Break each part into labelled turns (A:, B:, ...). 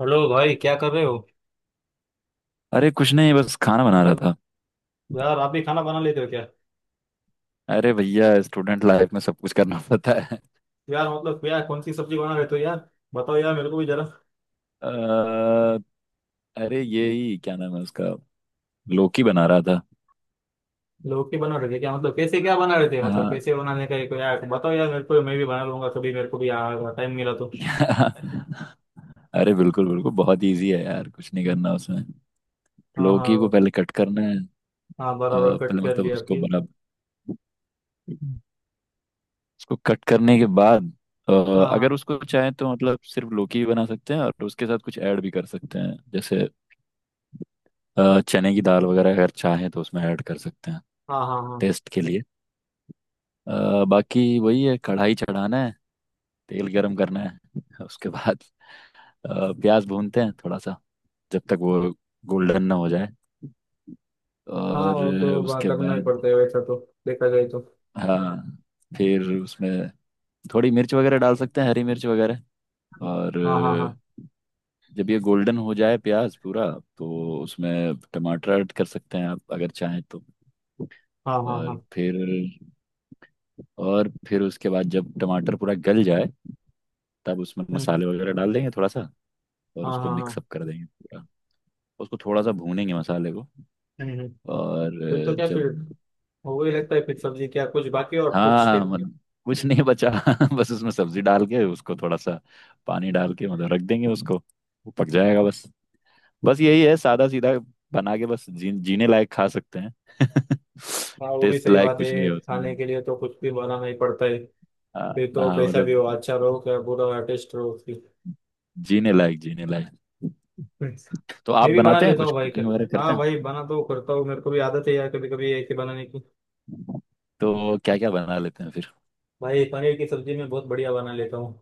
A: Hello भाई, क्या कर रहे हो?
B: अरे कुछ नहीं, बस खाना बना रहा था।
A: यार, आप भी खाना बना लेते हो क्या?
B: अरे भैया, स्टूडेंट लाइफ में सब कुछ करना पड़ता है।
A: यार मतलब क्या, कौन सी सब्जी बना लेते हो तो यार? बताओ यार, मेरे को भी जरा।
B: अ, अरे ये ही क्या नाम है उसका। लौकी बना रहा था।
A: लौकी बना रहे थे क्या? मतलब कैसे क्या बना रहे थे? मतलब
B: हाँ।
A: कैसे बनाने का एक यार, बताओ यार मेरे को, मैं भी बना लूंगा कभी मेरे को भी यार टाइम मिला तो।
B: अरे बिल्कुल बिल्कुल बहुत इजी है यार, कुछ नहीं करना उसमें।
A: हाँ
B: लौकी को
A: हाँ।
B: पहले कट करना है।
A: हाँ बराबर, कट
B: पहले
A: कर
B: मतलब
A: लिया
B: उसको
A: फिर?
B: बराबर उसको कट करने के बाद। अ, अगर
A: हाँ
B: उसको चाहे तो मतलब सिर्फ लौकी भी बना सकते हैं और उसके साथ कुछ ऐड भी कर सकते हैं, जैसे चने की दाल वगैरह अगर चाहे तो उसमें ऐड कर सकते हैं,
A: हाँ हाँ हाँ। हाँ
B: टेस्ट के लिए। बाकी वही है, कढ़ाई चढ़ाना है। तेल गरम करना है। उसके बाद प्याज भूनते हैं थोड़ा सा, जब तक वो गोल्डन ना हो जाए।
A: हाँ,
B: और
A: वो तो
B: उसके
A: करना ही
B: बाद
A: पड़ता है वैसा तो। देखा जाए तो।
B: हाँ, फिर उसमें थोड़ी मिर्च वगैरह डाल सकते हैं, हरी मिर्च वगैरह। और
A: हाँ हाँ हाँ
B: जब ये गोल्डन हो जाए प्याज पूरा, तो उसमें टमाटर ऐड कर सकते हैं आप, अगर चाहें तो।
A: हाँ। हाँ
B: और
A: हाँ।
B: फिर उसके बाद जब टमाटर पूरा गल जाए, तब उसमें
A: हम्म।
B: मसाले वगैरह डाल देंगे थोड़ा सा, और
A: हाँ
B: उसको
A: हाँ हाँ।
B: मिक्सअप कर देंगे पूरा। उसको थोड़ा सा भूनेंगे मसाले को।
A: हम्म हम्म।
B: और
A: फिर तो क्या,
B: जब,
A: फिर वही लगता है फिर? सब्जी क्या कुछ बाकी और कुछ?
B: हाँ मतलब कुछ नहीं बचा बस उसमें सब्जी डाल के उसको थोड़ा सा पानी डाल के, मतलब रख देंगे उसको, वो पक जाएगा बस। बस यही है, सादा सीधा बना के बस जीने लायक खा सकते हैं।
A: हाँ, वो भी
B: टेस्ट
A: सही
B: लायक
A: बात
B: कुछ नहीं
A: है,
B: है
A: खाने
B: उसमें।
A: के लिए तो कुछ भी बनाना ही पड़ता है।
B: हाँ
A: फिर तो
B: हाँ,
A: कैसा भी हो,
B: मतलब
A: अच्छा रहो क्या बुरा टेस्ट रहो उसकी।
B: जीने लायक, जीने लायक। तो आप
A: मैं भी बना
B: बनाते हैं,
A: लेता
B: कुछ
A: हूँ भाई का।
B: कुकिंग वगैरह करते
A: हाँ भाई,
B: हैं?
A: बना तो करता हूँ, मेरे को भी आदत है यार कभी कभी ऐसे बनाने की।
B: तो क्या क्या बना लेते हैं फिर?
A: भाई पनीर की सब्जी मैं बहुत बढ़िया बना लेता हूँ।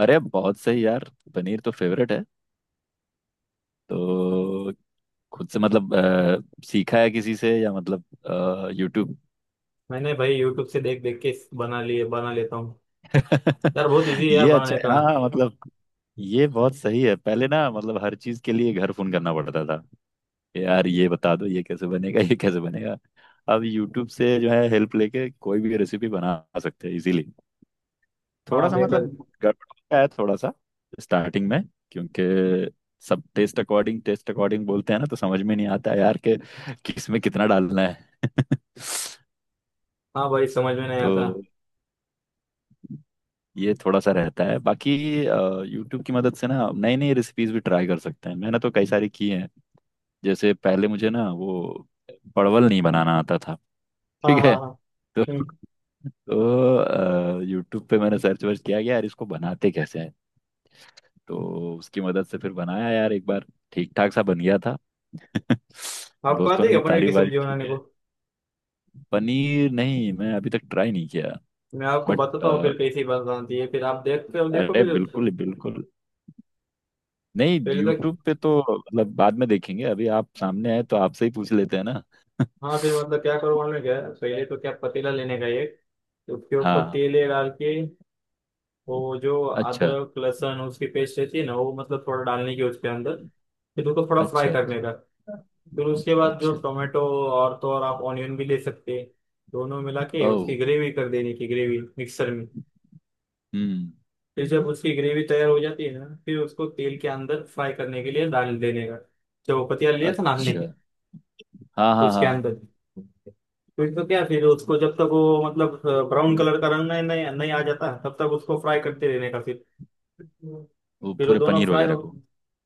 B: अरे बहुत सही यार, पनीर तो फेवरेट है। तो खुद से मतलब सीखा है किसी से, या मतलब यूट्यूब?
A: मैंने भाई यूट्यूब से देख देख के बना लिए, बना लेता हूँ। यार बहुत इजी है यार
B: ये अच्छा
A: बनाने
B: है,
A: का।
B: हाँ मतलब ये बहुत सही है। पहले ना मतलब हर चीज के लिए घर फोन करना पड़ता था, यार ये बता दो ये कैसे बनेगा, ये कैसे बनेगा। अब यूट्यूब से जो है, हेल्प लेके कोई भी रेसिपी बना सकते हैं इजीली। थोड़ा
A: हाँ
B: सा
A: देखा।
B: मतलब गड़बड़ होता है थोड़ा सा स्टार्टिंग में, क्योंकि सब टेस्ट अकॉर्डिंग बोलते हैं ना, तो समझ में नहीं आता यार कि किस में कितना डालना है।
A: हाँ भाई, समझ में नहीं
B: तो
A: आता।
B: ये थोड़ा सा रहता है, बाकी यूट्यूब की मदद से ना नई नई रेसिपीज भी ट्राई कर सकते हैं, मैंने तो कई सारी की हैं। जैसे पहले मुझे ना वो परवल नहीं बनाना आता था,
A: हाँ
B: ठीक
A: हाँ
B: है।
A: हाँ।
B: तो
A: हम्म।
B: यूट्यूब पे मैंने सर्च वर्च किया कि यार इसको बनाते कैसे हैं, तो उसकी मदद से फिर बनाया यार एक बार, ठीक ठाक सा बन गया था।
A: आपको
B: दोस्तों
A: आती
B: ने
A: है क्या
B: भी
A: पनीर की
B: तारीफ वारीफ
A: सब्जी
B: की
A: बनाने
B: है।
A: को?
B: पनीर नहीं, मैं अभी तक ट्राई नहीं किया।
A: मैं आपको
B: बट
A: बताता हूँ फिर कैसी बनाती है, फिर आप देखते हो, देखो
B: अरे
A: फिर।
B: बिल्कुल बिल्कुल, नहीं
A: पहले तो।
B: यूट्यूब पे तो मतलब बाद में देखेंगे, अभी आप सामने आए तो आपसे ही पूछ लेते हैं ना।
A: हाँ, फिर मतलब क्या करो मालूम है क्या? पहले तो क्या, पतीला लेने का एक। तो उसके ऊपर
B: हाँ।
A: तेल ये डाल के। वो जो
B: अच्छा
A: अदरक लहसुन उसकी पेस्ट रहती है ना, वो मतलब थोड़ा डालने की उसके अंदर। फिर उसको थोड़ा फ्राई
B: अच्छा
A: करने का। फिर उसके बाद जो
B: अच्छा।
A: टोमेटो। और तो और आप ऑनियन भी ले सकते हैं। दोनों मिला के
B: ओ।
A: उसकी ग्रेवी कर देने की, ग्रेवी मिक्सर में।
B: हम्म।
A: फिर जब उसकी ग्रेवी तैयार हो जाती है ना, फिर उसको तेल के अंदर फ्राई करने के लिए डाल देने का। जब वो पतीला लिया था ना हमने।
B: अच्छा। हाँ हाँ
A: उसके
B: हाँ,
A: अंदर। फिर तो क्या, फिर उसको जब तक वो मतलब, ब्राउन कलर का रंग नहीं नहीं नहीं आ जाता तब तक उसको फ्राई करते रहने का फिर।
B: वो
A: फिर वो
B: पूरे
A: दोनों
B: पनीर
A: फ्राई हो।
B: वगैरह को?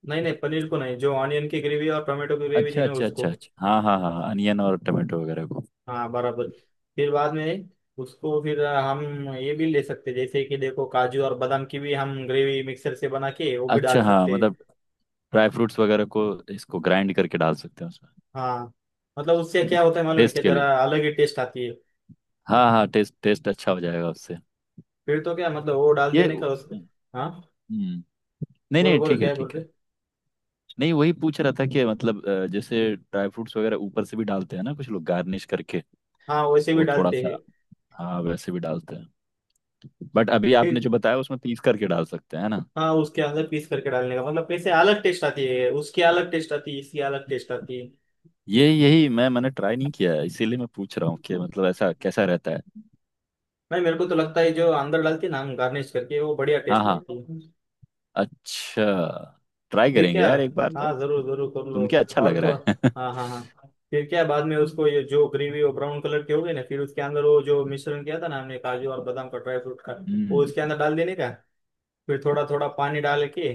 A: नहीं नहीं, पनीर को नहीं, जो ऑनियन की ग्रेवी और टोमेटो की ग्रेवी थी
B: अच्छा
A: ना
B: अच्छा
A: उसको।
B: अच्छा अच्छा, हाँ हाँ हाँ हाँ, अनियन और टमाटो वगैरह को।
A: हाँ बराबर। फिर बाद में। उसको फिर हम। ये भी ले सकते, जैसे कि देखो काजू और बादाम की भी हम ग्रेवी मिक्सर से बना के वो भी
B: अच्छा,
A: डाल
B: हाँ
A: सकते हैं।
B: मतलब ड्राई फ्रूट्स वगैरह को, इसको ग्राइंड करके डाल सकते हैं उसमें,
A: हाँ मतलब, उससे क्या होता है मालूम है
B: टेस्ट
A: क्या,
B: के
A: जरा
B: लिए।
A: अलग ही टेस्ट आती है।
B: हाँ हाँ, टेस्ट, टेस्ट अच्छा हो जाएगा उससे।
A: फिर तो क्या मतलब, वो डाल
B: ये
A: देने का उसको।
B: हम्म।
A: हाँ।
B: हम्म, नहीं
A: बोलो
B: नहीं,
A: बोलो,
B: ठीक है
A: क्या बोल
B: ठीक
A: रहे?
B: है। नहीं वही पूछ रहा था कि मतलब जैसे ड्राई फ्रूट्स वगैरह ऊपर से भी डालते हैं ना कुछ लोग गार्निश करके,
A: हाँ, वैसे भी
B: वो थोड़ा
A: डालते हैं।
B: सा। हाँ वैसे भी डालते हैं। बट अभी
A: फिर।
B: आपने जो बताया उसमें पीस करके डाल सकते हैं, है ना?
A: हाँ, उसके अंदर पीस करके डालने का मतलब, वैसे अलग टेस्ट आती है उसकी, अलग टेस्ट आती है इसकी, अलग टेस्ट आती है।
B: ये यही मैंने ट्राई नहीं किया है, इसीलिए मैं पूछ रहा हूँ कि मतलब ऐसा कैसा रहता है।
A: नहीं, मेरे को तो लगता है जो अंदर डालती है ना हम गार्निश करके, वो बढ़िया
B: हाँ
A: टेस्ट
B: हाँ।
A: लगती है।
B: अच्छा, ट्राई
A: ठीक है।
B: करेंगे यार, एक बार
A: हाँ
B: तो।
A: जरूर जरूर कर लो।
B: सुन के अच्छा लग
A: और
B: रहा
A: तो
B: है।
A: हाँ हाँ हाँ, फिर क्या बाद में उसको ये जो ग्रेवी वो ब्राउन कलर के हो गए ना, फिर उसके अंदर वो जो मिश्रण किया था ना हमने, काजू और बादाम का ड्राई फ्रूट का। वो
B: हम्म।
A: उसके अंदर डाल देने का। फिर थोड़ा थोड़ा पानी डाल के।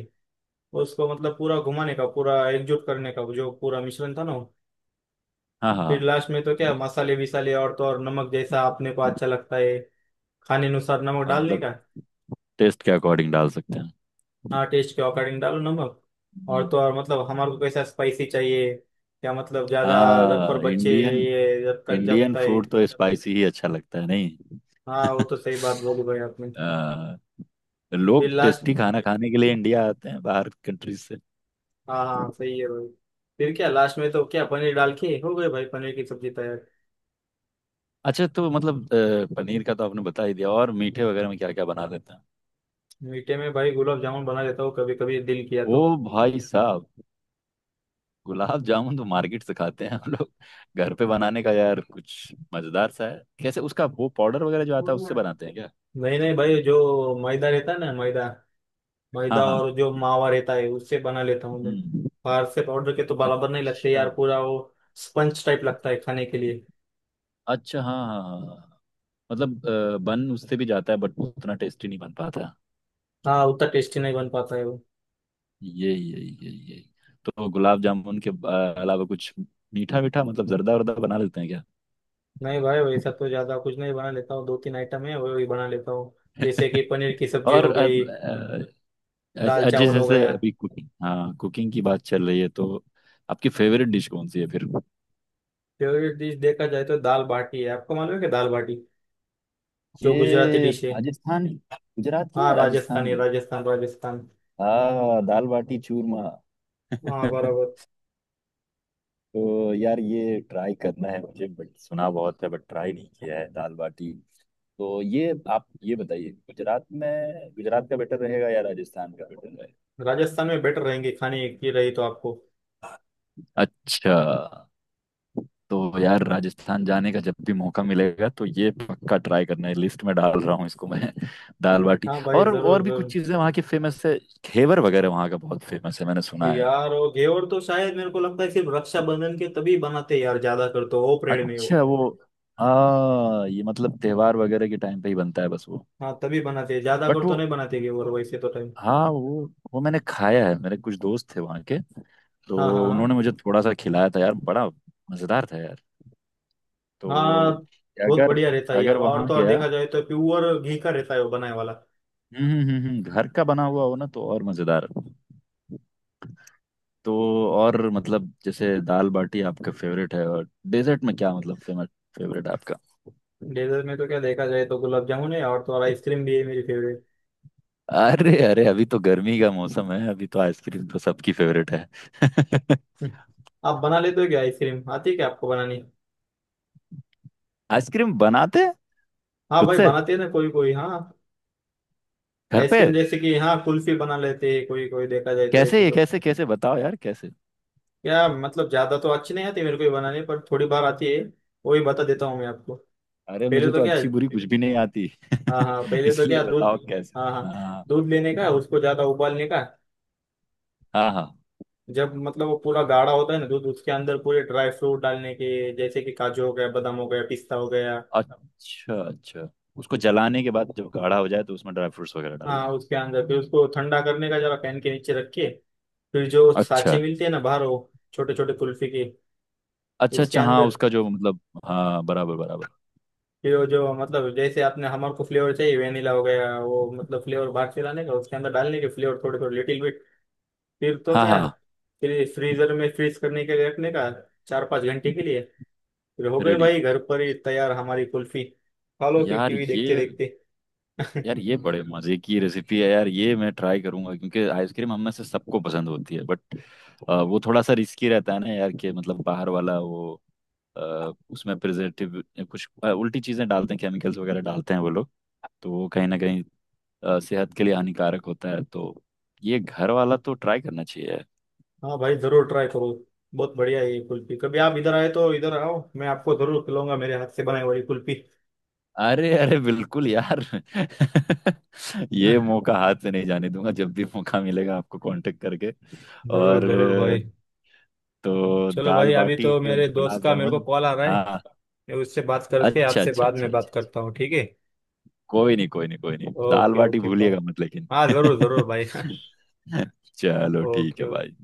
A: उसको मतलब पूरा घुमाने का, पूरा एकजुट करने का जो पूरा मिश्रण था ना वो।
B: हाँ
A: फिर
B: हाँ
A: लास्ट में तो क्या, मसाले विसाले और तो और नमक जैसा आपने को अच्छा लगता है। खाने अनुसार नमक
B: हाँ,
A: डालने
B: मतलब
A: का।
B: टेस्ट के अकॉर्डिंग डाल सकते हैं।
A: हाँ, टेस्ट के अकॉर्डिंग डालो नमक। और
B: हम्म,
A: तो और मतलब हमारे को कैसा स्पाइसी चाहिए? क्या मतलब ज्यादा? घर पर
B: हाँ
A: बच्चे।
B: इंडियन।
A: ये जब तक
B: इंडियन
A: जपता है।
B: फूड तो स्पाइसी ही अच्छा लगता है, नहीं?
A: हाँ, वो तो सही बात बोली भाई आपने।
B: अ,
A: फिर
B: लोग
A: लास्ट।
B: टेस्टी खाना खाने के लिए इंडिया आते हैं बाहर कंट्रीज से।
A: हाँ हाँ, सही है भाई। फिर क्या लास्ट में तो क्या, पनीर डाल के हो गए भाई पनीर की सब्जी तैयार।
B: अच्छा, तो मतलब पनीर का तो आपने बता ही दिया, और मीठे वगैरह में क्या क्या बना लेते हैं?
A: मीठे में भाई गुलाब जामुन बना लेता हूँ, कभी कभी दिल किया
B: ओ
A: तो।
B: भाई साहब, गुलाब जामुन तो मार्केट से खाते हैं हम लोग, घर पे बनाने का यार कुछ मजेदार सा है। कैसे, उसका वो पाउडर वगैरह जो आता है उससे बनाते हैं क्या?
A: नहीं नहीं भाई, जो मैदा रहता है ना, मैदा।
B: हाँ
A: मैदा
B: हाँ।
A: और जो मावा रहता है, उससे बना लेता हूँ मैं।
B: हम्म।
A: बाहर से पाउडर के तो बराबर नहीं लगते
B: अच्छा
A: यार, पूरा वो। स्पंज टाइप लगता है खाने के लिए।
B: अच्छा। हाँ हाँ हाँ हाँ। मतलब बन उससे भी जाता है, बट उतना टेस्टी नहीं बन पाता।
A: हाँ उतना टेस्टी नहीं बन पाता है वो।
B: यही यही यही यही। तो गुलाब जामुन के अलावा कुछ मीठा मीठा, मतलब जर्दा वर्दा बना लेते हैं क्या?
A: नहीं भाई, वैसा तो ज्यादा कुछ नहीं बना लेता हूँ, दो तीन आइटम है वही बना लेता हूँ। जैसे कि पनीर की सब्जी हो
B: और अ,
A: गई।
B: अ,
A: दाल
B: अ, जिस
A: चावल हो
B: जैसे
A: गया।
B: अभी कुकिंग, हाँ, कुकिंग की बात चल रही है, तो आपकी फेवरेट डिश कौन सी है फिर?
A: फेवरेट डिश देखा जाए तो दाल बाटी है, आपको मालूम है कि दाल बाटी? जो गुजराती
B: ये
A: डिश है।
B: राजस्थान, गुजरात की
A: हाँ
B: है, राजस्थान
A: राजस्थानी,
B: की।
A: राजस्थान राजस्थान।
B: हाँ, दाल बाटी चूरमा।
A: हाँ बराबर।
B: तो यार ये ट्राई करना है मुझे, बट सुना बहुत है, बट ट्राई नहीं किया है दाल बाटी। तो ये आप ये बताइए, गुजरात में गुजरात का बेटर रहेगा, या राजस्थान का बेटर रहेगा?
A: राजस्थान में बेटर रहेंगे खाने की रही तो आपको।
B: अच्छा, तो यार राजस्थान जाने का जब भी मौका मिलेगा तो ये पक्का ट्राई करना है, लिस्ट में डाल रहा हूँ इसको मैं। दाल बाटी,
A: हाँ भाई जरूर
B: और भी कुछ
A: जरूर।
B: चीजें वहाँ की फेमस है। घेवर वगैरह वहाँ का बहुत फेमस है, मैंने सुना है।
A: यार वो घेवर तो शायद मेरे को लगता है सिर्फ रक्षाबंधन के तभी बनाते हैं यार ज्यादा कर, तो वो परेड में वो।
B: अच्छा वो, हाँ ये मतलब त्योहार वगैरह के टाइम पे ही बनता है बस वो।
A: हाँ तभी बनाते हैं ज्यादा कर,
B: बट
A: तो
B: वो,
A: नहीं बनाते घेवर वैसे तो टाइम।
B: हाँ वो मैंने खाया है। मेरे कुछ दोस्त थे वहाँ के,
A: हाँ हाँ
B: तो
A: हाँ
B: उन्होंने मुझे थोड़ा सा खिलाया था यार, बड़ा मज़ेदार था यार।
A: हाँ।
B: तो
A: बहुत
B: अगर
A: बढ़िया रहता है यार,
B: अगर
A: और
B: वहाँ
A: तो और
B: गया,
A: देखा जाए तो प्योर घी का रहता है वो बनाने वाला।
B: घर का बना हुआ हो ना तो और मज़ेदार। तो और मतलब जैसे दाल बाटी आपका फेवरेट है, और डेजर्ट में क्या, मतलब फेमस फेवरेट आपका?
A: डेजर्ट में तो क्या देखा जाए तो गुलाब जामुन है, और तो और आइसक्रीम भी है मेरी फेवरेट।
B: अरे अरे, अभी तो गर्मी का मौसम है, अभी तो आइसक्रीम तो सबकी फेवरेट है।
A: हम्म। आप बना लेते हो क्या आइसक्रीम? आती है क्या आपको बनानी?
B: आइसक्रीम बनाते हैं
A: हाँ
B: खुद
A: भाई
B: से
A: बनाते हैं ना कोई कोई, हाँ।
B: घर पे?
A: आइसक्रीम जैसे कि हाँ कुल्फी बना लेते हैं कोई कोई, देखा जाए तो
B: कैसे
A: ऐसे
B: ये,
A: तो।
B: कैसे कैसे बताओ यार, कैसे?
A: या मतलब ज्यादा तो अच्छी नहीं आती मेरे को ये बनाने पर, थोड़ी बार आती है। वो ही बता देता हूँ मैं आपको।
B: अरे
A: पहले
B: मुझे तो
A: तो क्या?
B: अच्छी बुरी कुछ भी नहीं आती।
A: हाँ हाँ, पहले तो
B: इसलिए
A: क्या, दूध।
B: बताओ अच्छा कैसे।
A: हाँ हाँ।
B: हाँ
A: दूध लेने का, उसको ज्यादा उबालने का।
B: हाँ हाँ।
A: जब मतलब वो पूरा गाढ़ा होता है ना दूध, उसके अंदर पूरे ड्राई फ्रूट डालने के, जैसे कि काजू हो गया, बादाम हो गया, पिस्ता हो गया।
B: अच्छा अच्छा, उसको जलाने के बाद जब गाढ़ा हो जाए तो उसमें ड्राई फ्रूट्स वगैरह
A: हाँ
B: डालना।
A: उसके अंदर, फिर उसको ठंडा करने का जरा फैन के नीचे रख के। फिर जो
B: अच्छा
A: साँचे मिलते हैं ना बाहर, वो छोटे छोटे कुल्फी के।
B: अच्छा
A: उसके
B: अच्छा, हाँ
A: अंदर।
B: उसका जो मतलब। हाँ बराबर बराबर।
A: कि वो जो मतलब जैसे आपने हमारे को फ्लेवर चाहिए, वेनिला हो गया वो मतलब, फ्लेवर बाहर से लाने का उसके अंदर डालने के, फ्लेवर थोड़े थोड़े लिटिल बिट। फिर तो
B: हाँ
A: क्या।
B: हाँ।
A: फिर फ्रीजर में फ्रीज करने के लिए रखने का। 4-5 घंटे के लिए। फिर हो गए
B: रेडी।
A: भाई घर पर ही तैयार हमारी कुल्फी। खा लो फिर
B: यार
A: टीवी
B: ये
A: देखते देखते।
B: यार ये बड़े मजे की रेसिपी है, यार ये मैं ट्राई करूंगा, क्योंकि आइसक्रीम हम में से सबको पसंद होती है, बट वो थोड़ा सा रिस्की रहता है ना यार, कि मतलब बाहर वाला वो अ, उसमें प्रिजर्वेटिव, कुछ उल्टी चीजें डालते हैं, केमिकल्स वगैरह डालते हैं वो लोग, तो वो कहीं ना कहीं सेहत के लिए हानिकारक होता है, तो ये घर वाला तो ट्राई करना चाहिए यार।
A: हाँ भाई जरूर ट्राई करो। बहुत बढ़िया है ये कुल्फी, कभी आप इधर आए तो इधर आओ, मैं आपको जरूर खिलाऊंगा मेरे हाथ से बनाई हुई कुल्फी।
B: अरे अरे बिल्कुल यार, ये मौका हाथ से नहीं जाने दूंगा, जब भी मौका मिलेगा आपको कांटेक्ट करके।
A: जरूर
B: और,
A: जरूर भाई।
B: तो
A: चलो
B: दाल
A: भाई, अभी
B: बाटी
A: तो
B: और
A: मेरे दोस्त
B: गुलाब
A: का मेरे को
B: जामुन।
A: कॉल आ रहा है।
B: हाँ।
A: मैं उससे बात करके
B: अच्छा
A: आपसे
B: अच्छा
A: बाद
B: अच्छा
A: में बात
B: अच्छा अच्छा।
A: करता हूँ, ठीक है?
B: कोई नहीं कोई नहीं कोई नहीं, दाल
A: ओके
B: बाटी
A: ओके, बाय।
B: भूलिएगा मत लेकिन।
A: हाँ जरूर जरूर भाई।
B: चलो ठीक है
A: ओके
B: भाई।
A: ओके।